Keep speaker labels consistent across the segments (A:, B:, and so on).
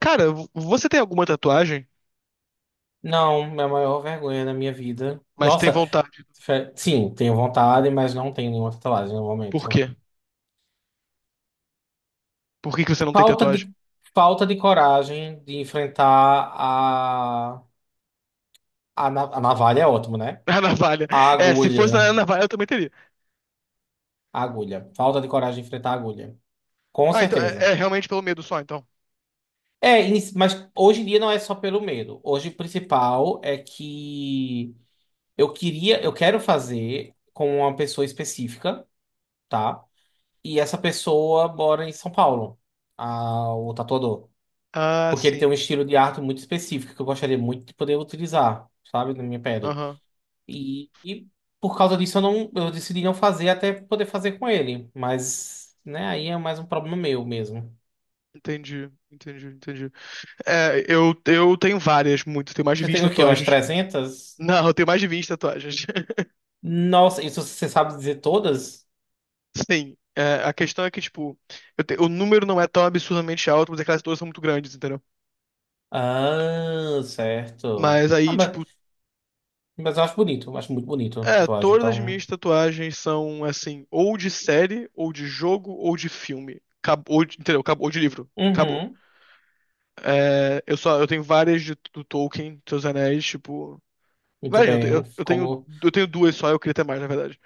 A: Cara, você tem alguma tatuagem,
B: Não, é a maior vergonha da minha vida.
A: mas tem
B: Nossa,
A: vontade.
B: sim, tenho vontade, mas não tenho nenhuma tatuagem no
A: Por quê?
B: momento.
A: Por que que você não tem
B: Falta
A: tatuagem?
B: de, falta de coragem de enfrentar a navalha é ótimo, né?
A: A navalha.
B: A
A: É, se fosse
B: agulha.
A: na navalha, eu também teria.
B: A agulha. Falta de coragem de enfrentar a agulha. Com
A: Ah, então
B: certeza.
A: é realmente pelo medo só, então.
B: É, mas hoje em dia não é só pelo medo. Hoje o principal é que eu quero fazer com uma pessoa específica, tá? E essa pessoa mora em São Paulo, o tatuador.
A: Ah,
B: Porque ele tem
A: sim.
B: um estilo de arte muito específico que eu gostaria muito de poder utilizar, sabe, na minha pele.
A: Aham.
B: E por causa disso eu decidi não fazer até poder fazer com ele. Mas, né, aí é mais um problema meu mesmo.
A: Entendi, entendi, entendi. É, eu tenho várias, muito. Tenho mais de
B: Você
A: 20
B: tem o quê? Umas
A: tatuagens.
B: 300?
A: Não, eu tenho mais de 20 tatuagens.
B: Nossa, isso você sabe dizer todas?
A: Sim. É, a questão é que, tipo, o número não é tão absurdamente alto, mas é que elas todas são muito grandes, entendeu?
B: Ah, certo.
A: Mas
B: Ah,
A: aí, tipo.
B: mas, mas eu acho bonito, eu acho muito bonito a
A: É,
B: tatuagem.
A: todas as
B: Então,
A: minhas tatuagens são assim, ou de série, ou de jogo, ou de filme. Ou de, entendeu? Ou de livro. Acabou.
B: uhum,
A: É, eu tenho várias de, do Tolkien, dos Anéis, tipo.
B: muito
A: Várias, não, eu,
B: bem.
A: te- eu, tenho,
B: Como
A: eu tenho duas só, eu queria ter mais, na verdade.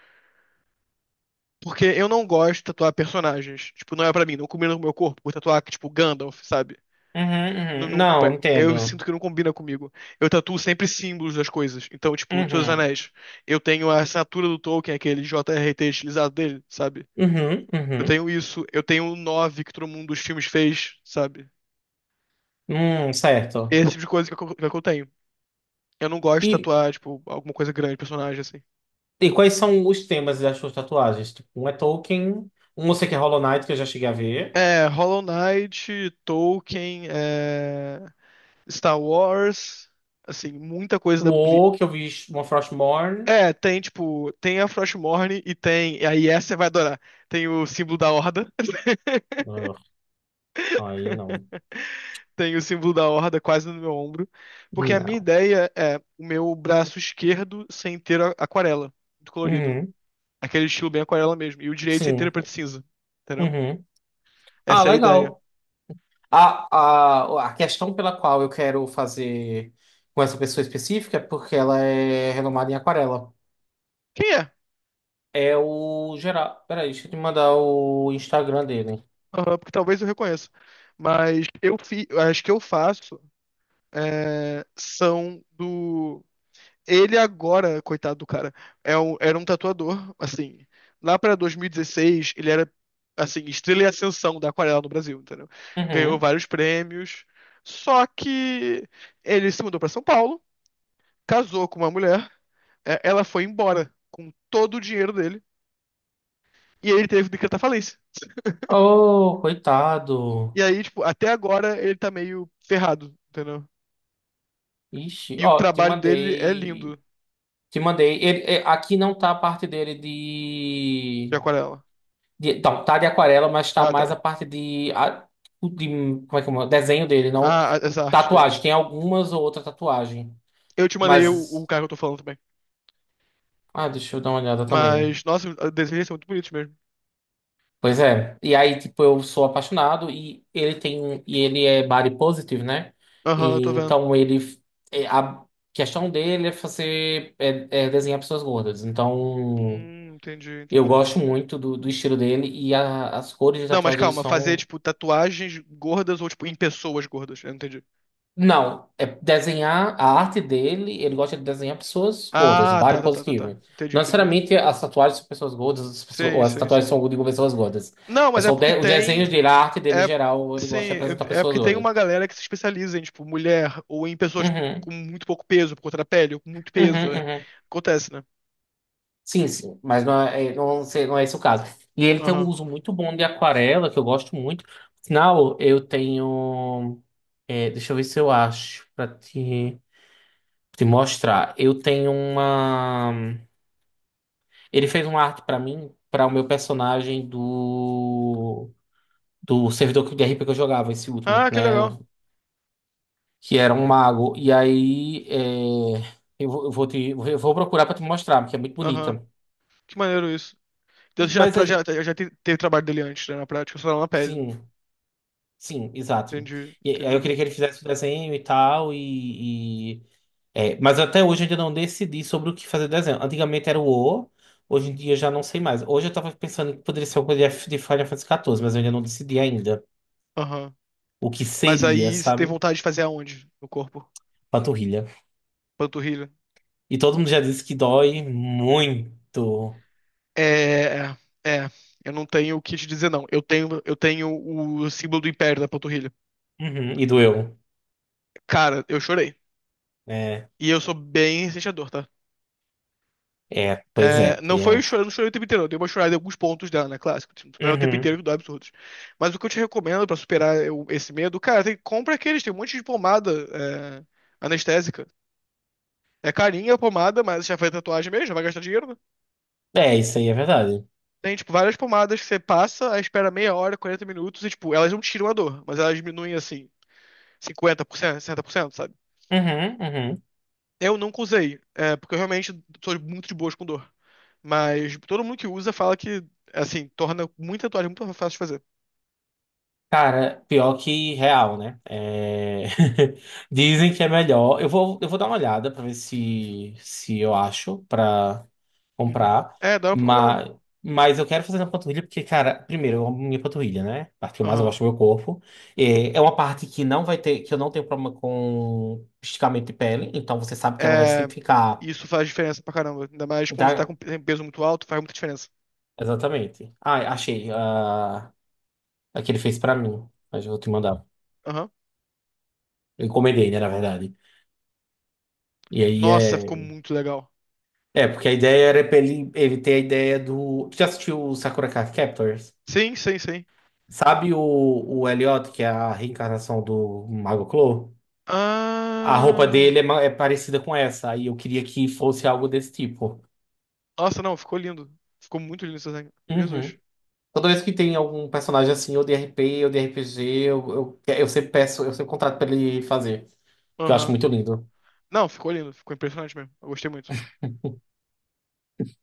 A: Porque eu não gosto de tatuar personagens. Tipo, não é pra mim, não combina com o meu corpo. Vou tatuar, tipo, Gandalf, sabe?
B: uhum,
A: Não,
B: uhum.
A: não,
B: Não,
A: eu sinto
B: entendo.
A: que não combina comigo. Eu tatuo sempre símbolos das coisas. Então, tipo, Senhor dos
B: Uhum,
A: Anéis. Eu tenho a assinatura do Tolkien, aquele JRT estilizado dele, sabe?
B: uhum,
A: Eu
B: uhum.
A: tenho isso, eu tenho o 9 que todo mundo dos filmes fez, sabe?
B: Certo.
A: Esse tipo de coisa que eu tenho. Eu não gosto de
B: E,
A: tatuar, tipo, alguma coisa grande, personagem, assim.
B: e quais são os temas das suas tatuagens? Tipo, um é Tolkien, um eu sei que é Hollow Knight, que eu já cheguei a ver.
A: É, Hollow Knight, Tolkien, Star Wars, assim, muita coisa
B: O
A: da Bli-.
B: O, que eu vi uma Frostmourne.
A: É, tem, tipo, tem a Frostmourne e tem. E aí essa você vai adorar. Tem o símbolo da Horda,
B: Ugh, aí não.
A: tem o símbolo da Horda quase no meu ombro. Porque a minha
B: Não.
A: ideia é o meu braço esquerdo sem ter aquarela, colorido.
B: Uhum,
A: Aquele estilo bem aquarela mesmo. E o direito é
B: sim.
A: inteiro preto e cinza. Entendeu?
B: Uhum. Ah,
A: Essa é a ideia.
B: legal. A questão pela qual eu quero fazer com essa pessoa específica é porque ela é renomada em aquarela.
A: Quem é?
B: É o Geraldo. Peraí, deixa eu te mandar o Instagram dele.
A: Aham, porque talvez eu reconheça. Mas as que eu faço são do. Ele agora, coitado do cara, era um tatuador, assim. Lá pra 2016, ele era, assim, estrela e ascensão da aquarela no Brasil, entendeu? Ganhou
B: Uhum.
A: vários prêmios. Só que ele se mudou pra São Paulo, casou com uma mulher, ela foi embora com todo o dinheiro dele. E aí ele teve que decretar falência.
B: Oh,
A: E
B: coitado.
A: aí, tipo, até agora ele tá meio ferrado, entendeu?
B: Ixi,
A: E o
B: ó, te
A: trabalho dele é
B: mandei.
A: lindo
B: Te mandei. Ele, é, aqui não tá a parte dele
A: de
B: de,
A: aquarela.
B: de. Não, tá de aquarela, mas tá
A: Ah,
B: mais
A: tá.
B: a parte de. De como é que é? Desenho dele, não.
A: Ah, essa arte dele.
B: Tatuagem. Tem algumas ou outra tatuagem.
A: Eu te mandei o,
B: Mas.
A: o cara que eu tô falando também.
B: Ah, deixa eu dar uma olhada também.
A: Mas, nossa, os desenhos são muito bonitos mesmo.
B: Pois é. E aí, tipo, eu sou apaixonado e ele tem um, e ele é body positive, né?
A: Aham, eu tô
B: E,
A: vendo.
B: então ele é, a questão dele é fazer é, é desenhar pessoas gordas. Então
A: Entendi,
B: eu
A: entendi.
B: gosto muito do estilo dele e as cores de
A: Não, mas
B: tatuagem dele
A: calma, fazer,
B: são
A: tipo, tatuagens gordas ou, tipo, em pessoas gordas. Eu não entendi.
B: não, é desenhar a arte dele, ele gosta de desenhar pessoas gordas,
A: Ah, tá,
B: body
A: tá, tá, tá, tá.
B: positive.
A: Entendi,
B: Não
A: entendi, entendi.
B: necessariamente as tatuagens são pessoas gordas, as, pessoas, ou
A: Sim,
B: as
A: sim,
B: tatuagens
A: sim.
B: são de pessoas gordas.
A: Não,
B: É
A: mas é
B: só o,
A: porque
B: de, o desenho
A: tem.
B: dele, a arte dele em
A: É,
B: geral, ele
A: sim,
B: gosta de representar
A: é
B: pessoas
A: porque tem
B: gordas.
A: uma galera que se especializa em, tipo, mulher ou em pessoas
B: Uhum,
A: com muito pouco peso por conta da pele, ou com muito
B: uhum,
A: peso. É,
B: uhum.
A: acontece, né?
B: Sim, sim, mas não é, não, não é esse o caso. E ele tem um
A: Aham.
B: uso muito bom de aquarela, que eu gosto muito. Afinal, eu tenho. É, deixa eu ver se eu acho, pra te, te mostrar. Eu tenho uma. Ele fez uma arte pra mim, pra o meu personagem do servidor de RP que eu jogava, esse último,
A: Ah, que
B: né?
A: legal.
B: Eu- Que era um mago. E aí é, eu, vou procurar pra te mostrar, porque é muito
A: Aham.
B: bonita.
A: Que maneiro isso. Então,
B: E-
A: você já,
B: Mas
A: tra- já,
B: aí,
A: já te- teve trabalho dele antes, né? Na prática, só não na pele, né?
B: sim, sim, exato.
A: Entendi,
B: E aí eu
A: entendi.
B: queria que ele fizesse o desenho e tal e- é, mas até hoje eu ainda não decidi sobre o que fazer desenho. Antigamente era o O, hoje em dia eu já não sei mais. Hoje eu tava pensando que poderia ser alguma coisa de de Final Fantasy XIV, mas eu ainda não decidi ainda.
A: Aham.
B: O que
A: Mas
B: seria,
A: aí você tem
B: sabe?
A: vontade de fazer aonde no corpo?
B: Panturrilha.
A: Panturrilha?
B: E todo mundo já disse que dói muito.
A: É, é. É. Eu não tenho o que te dizer, não. Eu tenho o símbolo do império da panturrilha.
B: Uhum, e doeu.
A: Cara, eu chorei.
B: É,
A: E eu sou bem sentidor, tá?
B: pois
A: É,
B: é.
A: não foi
B: Eu.
A: chorando, chorei o tempo inteiro. Eu dei uma chorada em alguns pontos dela, né? Clássico. Tipo, não é o tempo inteiro
B: Uhum.
A: que dá absurdos. Mas o que eu te recomendo pra superar esse medo, cara, tem, compra aqueles. Tem um monte de pomada é, anestésica. É carinha a pomada, mas já faz tatuagem mesmo, já vai gastar dinheiro, né?
B: É, isso aí é verdade.
A: Tem, tipo, várias pomadas que você passa, aí espera meia hora, 40 minutos, e, tipo, elas não tiram a dor, mas elas diminuem, assim, 50%, 60%, sabe?
B: Uhum, uhum.
A: Eu nunca usei, porque eu realmente sou muito de boas com dor. Mas todo mundo que usa fala que, assim, torna muita tatuagem muito fácil de fazer.
B: Cara, pior que real, né? É, dizem que é melhor. Eu vou dar uma olhada pra ver se eu acho pra
A: Uhum.
B: comprar.
A: É, dá uma procurada.
B: Mas, mas eu quero fazer na panturrilha porque, cara, primeiro, eu amo minha panturrilha, né? A parte que eu mais
A: Aham.
B: gosto do meu corpo. É, é uma parte que não vai ter, que eu não tenho problema com esticamento de pele. Então você sabe que ela vai
A: É,
B: sempre ficar.
A: isso faz diferença pra caramba. Ainda mais quando você tá com
B: da-
A: peso muito alto, faz muita diferença.
B: Exatamente. Ah, achei. Ah, a que ele fez pra mim. Mas eu vou te mandar.
A: Aham.
B: Eu encomendei, né, na verdade. E aí
A: Nossa, ficou
B: é.
A: muito legal.
B: É, porque a ideia era pra ele, ele ter a ideia do. Tu já assistiu o Sakura Card Captors?
A: Sim, sim, sim.
B: Sabe o Elliot, que é a reencarnação do Mago Clo? A roupa
A: Ah.
B: dele é, é parecida com essa, aí eu queria que fosse algo desse tipo.
A: Nossa, não, ficou lindo. Ficou muito lindo esse desenho. Jesus.
B: Uhum. Toda vez que tem algum personagem assim, ou de RP, ou de RPG, eu, eu sempre peço, eu sempre contrato pra ele fazer, que eu acho
A: Aham.
B: muito lindo.
A: Não, ficou lindo. Ficou impressionante mesmo. Eu gostei muito.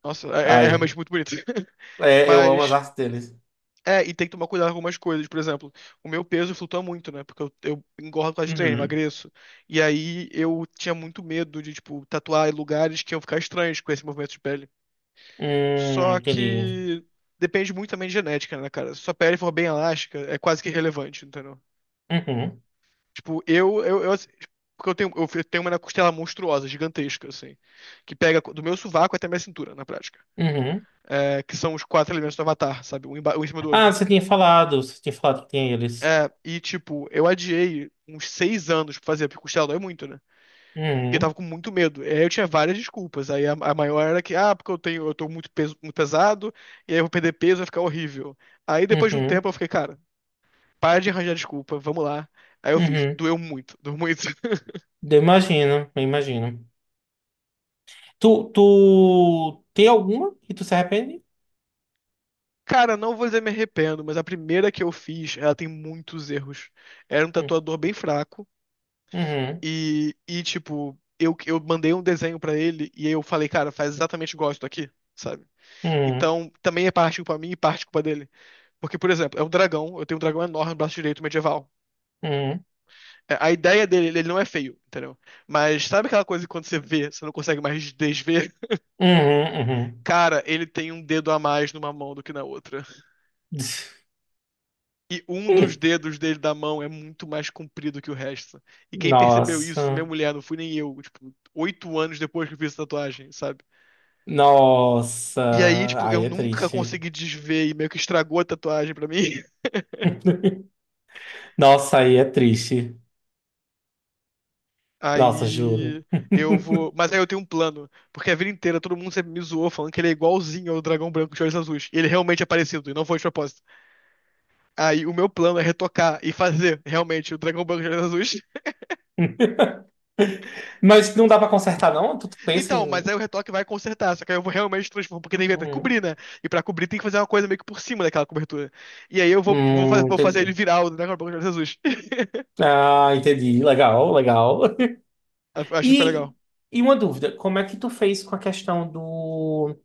A: Nossa, é realmente
B: Ai,
A: muito bonito.
B: é, eu amo as
A: Mas.
B: artes deles.
A: É, e tem que tomar cuidado com algumas coisas. Por exemplo, o meu peso flutua muito, né? Porque eu engordo por causa de treino,
B: Uhum.
A: emagreço. E aí eu tinha muito medo de, tipo, tatuar em lugares que iam ficar estranhos com esse movimento de pele. Só
B: Entendi.
A: que depende muito também de genética, né, cara? Se sua pele for bem elástica, é quase que irrelevante, entendeu?
B: Uhum.
A: Tipo, eu, assim, porque eu tenho, tenho uma costela monstruosa, gigantesca, assim, que pega do meu sovaco até minha cintura, na prática.
B: Uhum.
A: É, que são os quatro elementos do Avatar, sabe? Um, um em cima do
B: Ah,
A: outro.
B: você tinha falado que tinha eles.
A: É, e tipo, eu adiei uns 6 anos pra fazer, porque costela dói muito, né? E eu
B: Uhum,
A: tava com muito medo. E aí eu tinha várias desculpas. Aí a maior era que, ah, porque eu tenho, eu tô muito, peso, muito pesado, e aí eu vou perder peso, vai ficar horrível. Aí depois de um
B: uhum,
A: tempo eu fiquei, cara, para de arranjar desculpa, vamos lá. Aí eu fiz,
B: uhum.
A: doeu muito, doeu muito.
B: Eu imagino, eu imagino. Tu tem alguma que tu se arrepende?
A: Cara, não vou dizer me arrependo, mas a primeira que eu fiz, ela tem muitos erros. Era um
B: Hum,
A: tatuador bem fraco,
B: Uhum,
A: e tipo, eu mandei um desenho pra ele, e aí eu falei, cara, faz exatamente igual isso aqui, sabe?
B: uhum,
A: Então, também é parte culpa minha e parte culpa dele. Porque, por exemplo, é um dragão, eu tenho um dragão enorme no braço direito medieval.
B: uhum,
A: É, a ideia dele, ele não é feio, entendeu? Mas sabe aquela coisa que quando você vê, você não consegue mais desver?
B: uhum,
A: Cara, ele tem um dedo a mais numa mão do que na outra.
B: uhum.
A: E um dos dedos dele da mão é muito mais comprido que o resto. E quem percebeu isso foi minha
B: Nossa,
A: mulher, não fui nem eu. Tipo, 8 anos depois que eu fiz a tatuagem, sabe?
B: nossa,
A: E aí, tipo, eu
B: aí é
A: nunca
B: triste.
A: consegui desver e meio que estragou a tatuagem pra mim.
B: Nossa, aí é triste. Nossa, juro.
A: Aí eu vou. Mas aí eu tenho um plano. Porque a vida inteira todo mundo sempre me zoou falando que ele é igualzinho ao dragão branco de olhos azuis. E ele realmente é parecido, e não foi de propósito. Aí o meu plano é retocar e fazer realmente o dragão branco de olhos azuis.
B: Mas não dá pra consertar, não? Tu pensa
A: Então, mas
B: em.
A: aí o retoque vai consertar. Só que aí eu vou realmente transformar, porque tem que cobrir,
B: Hum,
A: né? E pra cobrir tem que fazer uma coisa meio que por cima daquela cobertura. E aí eu vou, vou, fa- vou fazer
B: entendi.
A: ele virar o dragão branco de olhos azuis.
B: Ah, entendi. Legal, legal.
A: Acho que foi
B: E,
A: legal.
B: e uma dúvida, como é que tu fez com a questão do.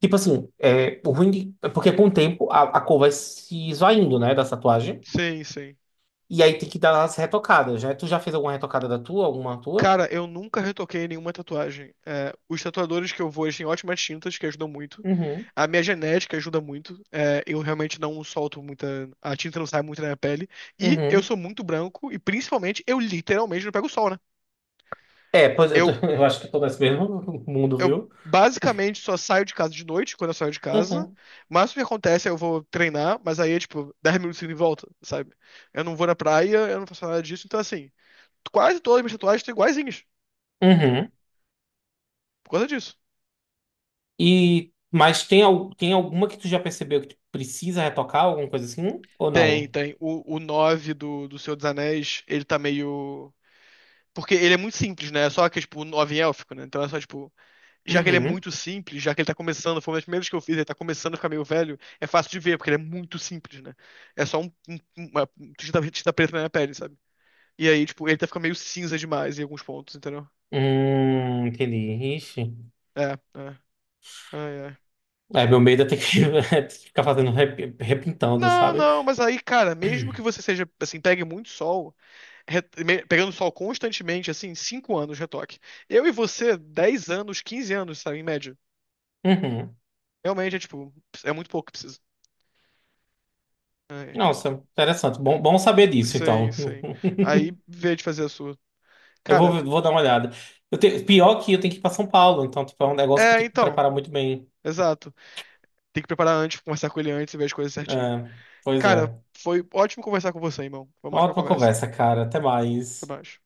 B: Tipo assim, é, o ruim é porque com o tempo a cor vai se esvaindo, né, da tatuagem.
A: Sim, sim.
B: E aí tem que dar as retocadas, né? Tu já fez alguma retocada da tua, alguma tua?
A: Cara, eu nunca retoquei nenhuma tatuagem. É, os tatuadores que eu vou, eles têm ótimas tintas que ajudam muito.
B: Uhum,
A: A minha genética ajuda muito. É, eu realmente não solto muita. A tinta não sai muito na minha pele. E eu
B: uhum.
A: sou muito branco. E principalmente, eu literalmente não pego sol, né?
B: É, pois eu, tô-
A: Eu,
B: eu acho que eu tô nesse mesmo mundo,
A: eu
B: viu?
A: basicamente só saio de casa de noite, quando eu saio de casa.
B: Uhum,
A: Mas o que acontece é eu vou treinar, mas aí é tipo 10 minutos e volta, sabe? Eu não vou na praia, eu não faço nada disso. Então, assim, quase todas as minhas tatuagens estão iguaizinhas, entendeu?
B: uhum.
A: Por causa disso.
B: E, mas tem, tem alguma que tu já percebeu que tu precisa retocar, alguma coisa assim? Ou
A: Tem,
B: não?
A: tem. O 9 do Senhor dos Anéis, ele tá meio. Porque ele é muito simples, né? É só que, tipo, o 9 em élfico, né? Então é só, tipo, já que ele é
B: Uhum.
A: muito simples, já que ele tá começando, foi uma das primeiras que eu fiz, ele tá começando a ficar meio velho, é fácil de ver, porque ele é muito simples, né? É só uma tinta preta na minha pele, sabe? E aí, tipo, ele tá ficando meio cinza demais em alguns pontos, entendeu?
B: Entendi. Ixi.
A: É, é. Ai, ai.
B: É, meu medo é ter que ficar fazendo repintando,
A: Não,
B: sabe?
A: não, mas aí, cara, mesmo que você seja, assim, pegue muito sol. Pegando sol constantemente, assim, 5 anos de retoque. Eu e você, 10 anos, 15 anos, sabe, em média.
B: Uhum.
A: Realmente é tipo, é muito pouco que precisa. Ai, cara.
B: Nossa, interessante. Bom, bom saber disso,
A: Sim,
B: então.
A: sim. Aí, vê de fazer a sua. Cara,
B: Vou dar uma olhada. Pior que eu tenho que ir para São Paulo, então tipo, é um negócio que eu tenho que me
A: então,
B: preparar muito bem.
A: exato. Tem que preparar antes, conversar com ele antes e ver as coisas
B: É,
A: certinho.
B: pois
A: Cara,
B: é.
A: foi ótimo conversar com você, irmão. Foi uma ótima
B: Ótima
A: conversa.
B: conversa, cara. Até
A: Até
B: mais.
A: mais.